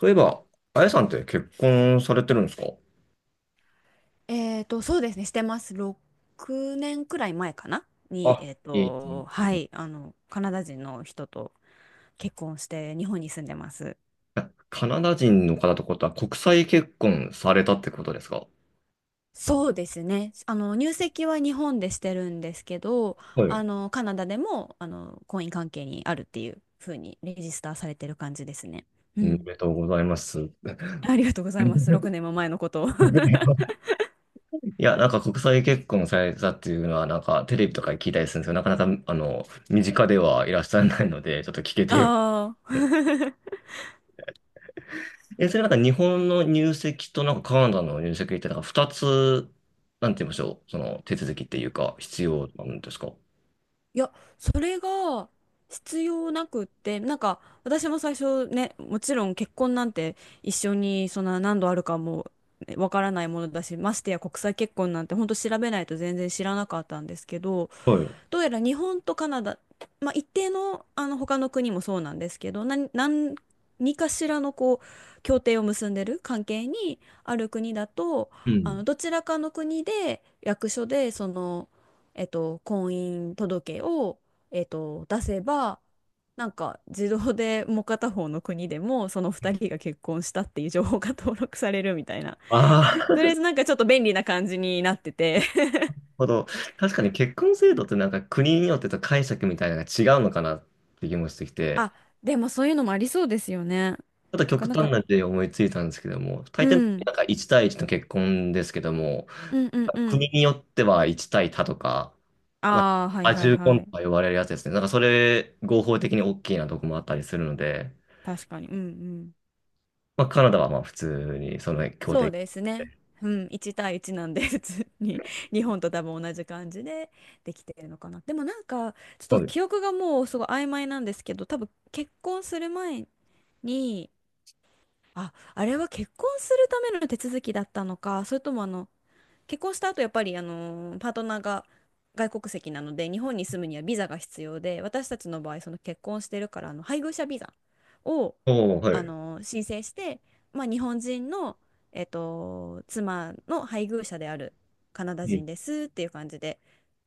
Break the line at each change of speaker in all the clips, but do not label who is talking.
そういえば、あやさんって結婚されてるんですか？
そうですね、してます。6年くらい前かなに、
あ、えっ
はい、カナダ人の人と結婚して日本に住んでます。
カナダ人の方ってことは国際結婚されたってことですか？
そうですね。入籍は日本でしてるんですけど、
はい。
カナダでも、婚姻関係にあるっていう風にレジスターされてる感じですね。う
おめ
ん。
でとうございます。
ありがとうございます。6 年も前のことを。
いや、なんか国際結婚されたっていうのは、なんかテレビとかで聞いたりするんですけど、なかなか、身近ではいらっしゃらないので、ちょっと聞けてよ。
ああ。
え、それなんか日本の入籍となんかカナダの入籍って、なんか二つ、なんて言いましょう、その手続きっていうか、必要なんですか？
いや、それが必要なくって、なんか私も最初ね、もちろん結婚なんて一緒にそんな何度あるかもねわからないものだし、ましてや国際結婚なんて本当調べないと全然知らなかったんですけど、
はい。
どうやら日本とカナダ、まあ、一定の、あの他の国もそうなんですけど、何かしらのこう協定を結んでる関係にある国だと、
う
あの
ん。
どちらかの国で役所でその、婚姻届を、出せば、なんか自動でもう片方の国でもその2人が結婚したっていう情報が登録されるみたいな。
ああ、なる
とりあえずなんかちょっと便利な感じになってて。
ほど。確かに結婚制度ってなんか国によってと解釈みたいなのが違うのかなって気もしてきて、
あ、でもそういうのもありそうですよね。な
ちょっと極
かなん
端
か、
な例で思いついたんですけども、大
う
抵
ん、
なんか1対1の結婚ですけども、
うんうんうん。
国によっては1対多とか、まあ、
ああ、はい
多
はい
重婚
は
と
い。
か呼ばれるやつですね。なんかそれ合法的に大きいなとこもあったりするので、
確かに。うんうん。
まあカナダはまあ普通にその協
そう
定。
ですね。うん、1対1なんで、普通に 日本と多分同じ感じでできてるのかな。でもなんか、ちょっと
はい。
記憶がもうすごい曖昧なんですけど、多分結婚する前に、あ、あれは結婚するための手続きだったのか、それともあの、結婚した後やっぱりパートナーが外国籍なので日本に住むにはビザが必要で、私たちの場合その結婚してるからあの配偶者ビザを
おお、はい。
申請して、まあ、日本人の、妻の配偶者であるカナダ
うん。
人ですっていう感じで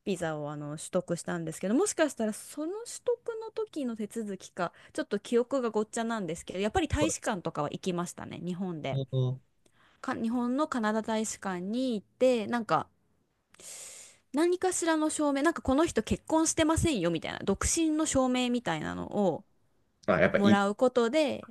ビザをあの取得したんですけど、もしかしたらその取得の時の手続きかちょっと記憶がごっちゃなんですけど、やっぱり大
は
使館とかは行きましたね、日本で。
い。
日本のカナダ大使館に行ってなんか何かしらの証明、なんかこの人結婚してませんよみたいな、独身の証明みたいなのを
あ、やっぱ
も
い
ら
い。
うことで、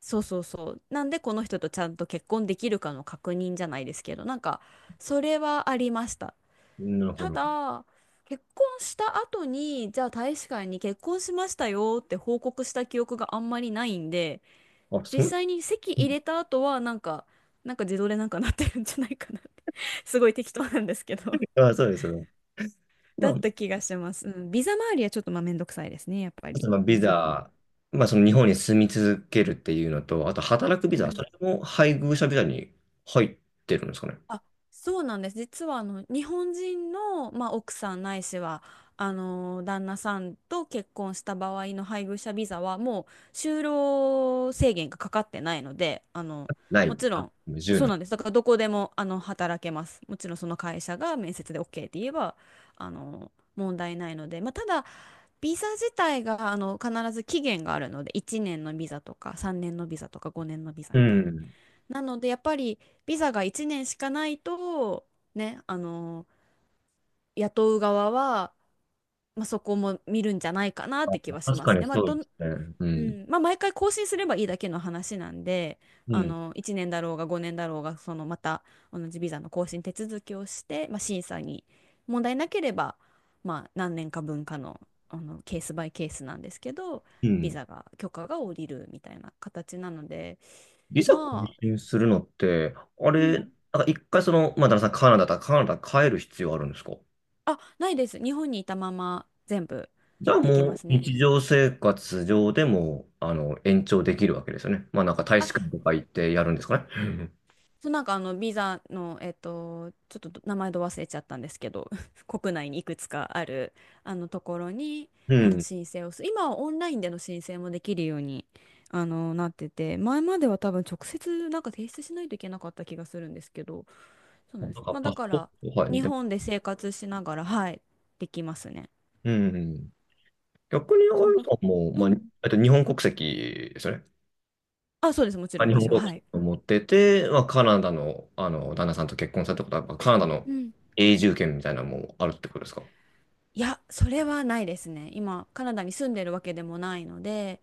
そうそうそう、なんでこの人とちゃんと結婚できるかの確認じゃないですけど、なんかそれはありました。
なるほ
た
ど。
だ、結婚した後に、じゃあ大使館に結婚しましたよって報告した記憶があんまりないんで、
あ、そ
実
の、
際に籍入れた後はなんか自動でなんかなってるんじゃないかなって すごい適当なんですけど。
あ、そうですよね。まあ、
うん、ビザ周りはちょっとまあめんどくさいですね、やっぱ
あ
り。
とまの
う
ビ
ん。
ザ、まあその日本に住み続けるっていうのと、あと働くビ
う
ザ、そ
ん。
れも配偶者ビザに入ってるんですかね。
あ、そうなんです。実はあの日本人の、まあ、奥さんないしはあの旦那さんと結婚した場合の配偶者ビザはもう就労制限がかかってないので、あの
ない。
もちろ
あ、
ん
無年
そう
う
なんです。だからどこでもあの働けます。もちろんその会社が面接で OK って言えばあの問題ないので、まあ、ただビザ自体があの必ず期限があるので、1年のビザとか3年のビザとか5年のビザ
ねん。
みたい
う
に。
ん。
なのでやっぱりビザが1年しかないとね、あの雇う側は、まあ、そこも見るんじゃないかなっ
あ、
て気はし
確
ま
か
す
に
ね。まあ
そう
ど
で
ん
すね。う
う
ん。
ん。まあ、毎回更新すればいいだけの話なんで、
う
あ
ん。
の1年だろうが5年だろうがそのまた同じビザの更新手続きをして、まあ、審査に問題なければ、まあ、何年か分かの、あのケースバイケースなんですけど
う
ビ
ん。
ザが許可が下りるみたいな形なので。
ビザ更
まあ。
新するのって、あ
う
れ、なん
ん。
か一回その、まあ、旦那さんカナダだったらカナダ帰る必要あるんですか？
あ、ないです。日本にいたまま全部
じゃあ
でき
も
ま
う
すね。
日常生活上でも、延長できるわけですよね。まあなんか大使館
あ、
とか行ってやるんですかね。うん。
そう、なんかあのビザの、ちょっと名前ど忘れちゃったんですけど、国内にいくつかあるあのところに
う
あの
ん。
申請を今はオンラインでの申請もできるようにあのなってて、前までは多分直接なんか提出しないといけなかった気がするんですけど、そうな
な
ん
ん
です。
か
まあだ
パス
か
ポー
ら
ト、はい。
日
で、
本で生活しながら、はい、できますね。
うん。逆に、あや
そうだ。
さんも、
う
まあ、
ん。
日本国籍ですよね。
あ、そうです。もちろ
あ、
ん
日本
私は、
国
は
籍
い。
を持ってて、まあ、カナダの、旦那さんと結婚されたことは、まあカナダの
うん。
永住権みたいなのもあるってことですか？
いや、それはないですね。今、カナダに住んでるわけでもないので、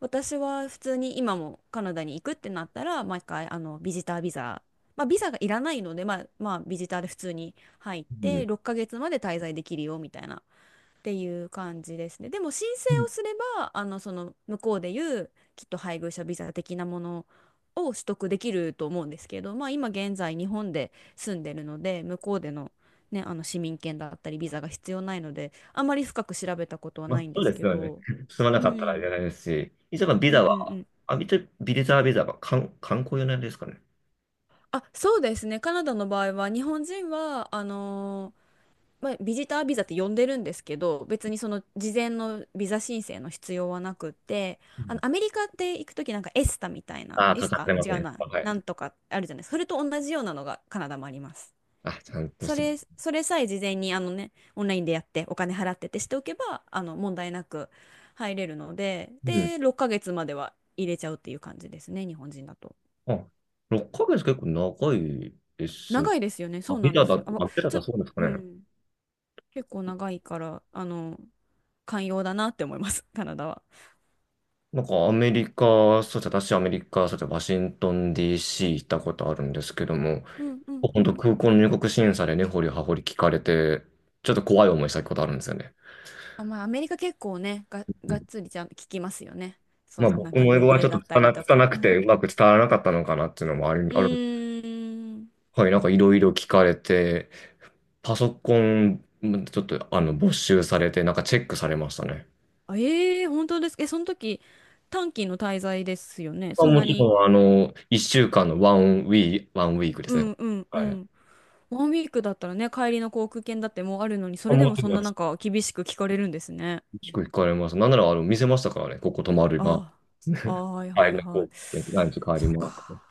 私は普通に今もカナダに行くってなったら、毎回、あの、ビジタービザ、まあ、ビザがいらないので、まあ、ビジターで普通に入っ
う
て、
ん。
6ヶ月まで滞在できるよ、みたいなっていう感じですね。でも申請
うん。
をすれば、あの、その向こうでいうきっと配偶者ビザ的なものを取得できると思うんですけど、まあ今現在日本で住んでるので、向こうでのね、あの市民権だったりビザが必要ないので、あまり深く調べたことは
まあ、
ないん
そ
で
うで
す
す
け
よね。
ど。
住まな
う
かったらい
ん、
けないですし、一応、まあビ
うんう
ザ
んう
は、
ん。
あ、ビザは観、観光用なんですかね。
あ、そうですね。カナダの場合は、日本人は、あのまあ、ビジタービザって呼んでるんですけど、別にその事前のビザ申請の必要はなくって、
う
あ
ん。
のアメリカって行くときなんかエスタみたいな、
ああ、
エ
か
ス
かっ
タ
てま
違
す
う
ね。
な、
はい。
なんとかあるじゃないですか。それと同じようなのがカナダもあります。
あ、ちゃんと
そ
する。
れ、それさえ事前にあのね、オンラインでやってお金払ってってしておけば、あの問題なく入れるので、
うん。
で、6ヶ月までは入れちゃうっていう感じですね、日本人だと。
あ、6ヶ月結構長いですね。
長いですよね、そ
あ、
うな
ビ
んで
ザだ、
すよ。あ、
あ、ビザ
ち
だ
ょ、
そうですか
う
ね。
ん、結構長いから、あの、寛容だなって思います カナダは。
なんかアメリカ、そうですね、私アメリカ、そうですね、ワシントン DC 行ったことあるんですけども、
うんうんう
本当
ん。
空港の入国審査でねほりはほり聞かれて、ちょっと怖い思いしたことあるんですよね。
あ、まあアメリカ結構ねが、
う
がっ
ん。
つりちゃんと聞きますよね、そ
まあ
のなん
僕
か
も英
旅
語はちょ
程
っ
だ
と
ったりとか。
拙く
う
て
ん。
うまく伝わらなかったのかなっていうのもある、
う
ある。
ーん。
はい、なんかいろいろ聞かれて、パソコンちょっと没収されて、なんかチェックされましたね。
あ、ええ、本当ですか。え、その時、短期の滞在ですよね。
まあ、
そん
も
な
ち
に。
ろん、1週間のワンウィークで
う
すね。
んうんう
はい。
ん。ワンウィークだったらね、帰りの航空券だってもうあるのに、そ
あ、
れで
も
も
ち
そん
ろ
な
ん
なんか厳しく聞かれるんですね。
結構行かれます。なんなら、見せましたからね。ここ泊まる、ま
ああ、ああ、はい
あ、は
はい
い、
はい。
こう、何時帰り
そう
ます。
か。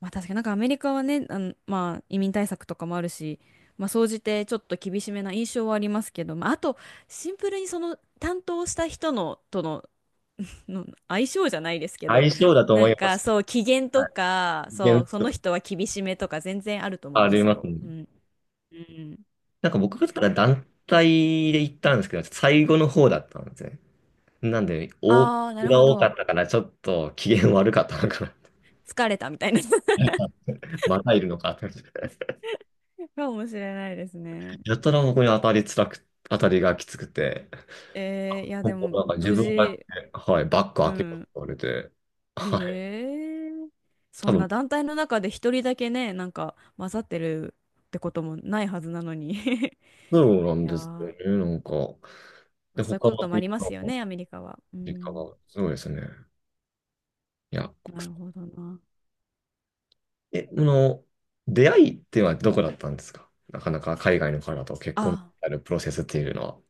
まあ確かになんかアメリカはね、あの、まあ移民対策とかもあるし、まあ総じてちょっと厳しめな印象はありますけど、まああとシンプルにその担当した人のとの、の相性じゃないですけど、
相性だと
な
思
ん
いま
か
す。
そう機嫌と
はい。
か、そ
全
うその
然
人は厳しめとか全然あると思い
あ
ま
り
す
ます
よ。
ね。
うん。うん。
なんか僕がから団体で行ったんですけど、最後の方だったんですね。なんで、多
ああ、なる
が
ほ
多か
ど。
ったから、ちょっと機嫌悪かったのかな。
疲れたみたいな。
またいるのかって。
かもしれないですね。
やたらここに当たりがきつくて、
いや
ほ
で
んと
も
なんか自
無
分だ
事、
け、はい、バッグ
う
開けろって
ん。
言われて、はい。
ええ、そ
多
ん
分、
な団体の中で一人だけね、なんか混ざってるってこともないはずなのに い
そうなん
やー、
ですよ
ま
ね。なんか、
あ、
で、
そういう
他
こと
の
もあ
みん
りま
な
すよ
の
ね、アメリカは。う
実家
ん、
が、すごいですね。いや、
なるほどな。
え、この、出会いっていうのはどこだったんですか？なかなか海外の方と結婚に
あ、
なるプロセスっていうのは。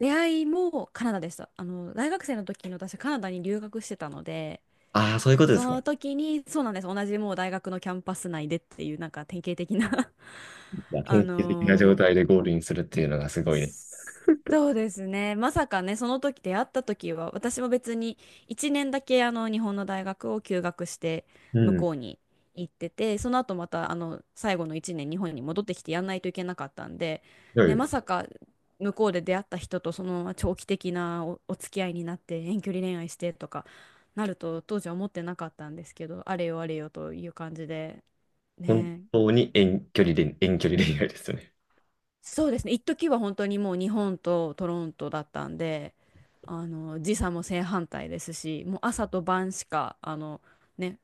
出会いもカナダでした。あの、大学生の時に私カナダに留学してたので、
ああ、そういうことで
そ
すか。い
の時に、そうなんです。同じもう大学のキャンパス内でっていう、なんか典型的な
や
あ
典型的な状
のー
態でゴールインするっていうのがすごいね。
そうですね。まさかね、その時出会った時は、私も別に1年だけあの日本の大学を休学して
う
向
ん。す
こうに行ってて、その後またあの最後の1年日本に戻ってきてやんないといけなかったんで、
ご
ね、
い
まさか向こうで出会った人とそのまま長期的なお付き合いになって遠距離恋愛してとかなると当時は思ってなかったんですけど、あれよあれよという感じで、
本
ね、
当に遠距離恋愛ですよね。
そうですね、一時は本当にもう日本とトロントだったんで、あの時差も正反対ですし、もう朝と晩しかあの、ね、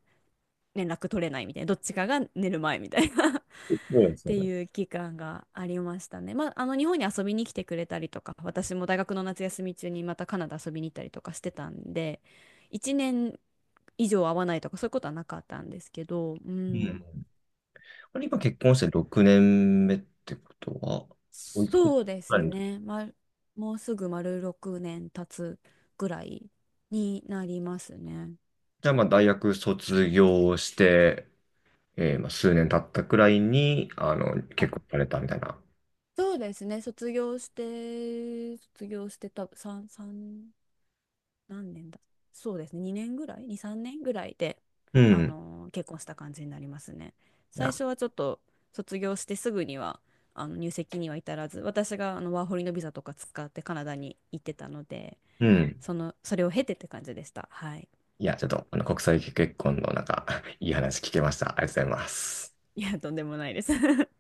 連絡取れないみたいな、どっちかが寝る前みたいな っ
そうですよ
て
ね。
いう期間がありましたね。まあ、あの日本に遊びに来てくれたりとか、私も大学の夏休み中にまたカナダ遊びに行ったりとかしてたんで、1年以上会わないとかそういうことはなかったんですけど、う
う
ん、
ん。これ今結婚して6年目ってことは、おいくつ
そうで
ぐら
す
いの時？
ね。ま、もうすぐ丸6年経つぐらいになりますね。
じゃあまあ大学卒業して、まあ、数年経ったくらいに、
あ、
結婚されたみたいな。
そうですね。卒業してた、3、三何年だ。そうですね。2年ぐらい？ 2、3年ぐらいで、
うん。
結婚した感じになりますね。
い
最
や、
初はちょっと卒業してすぐには、あの入籍には至らず、私があのワーホリのビザとか使ってカナダに行ってたので、
うん。
それを経てって感じでした。はい。
いや、ちょっと、国際結婚のなんか、いい話聞けました。ありがとうございます。
いや、とんでもないです。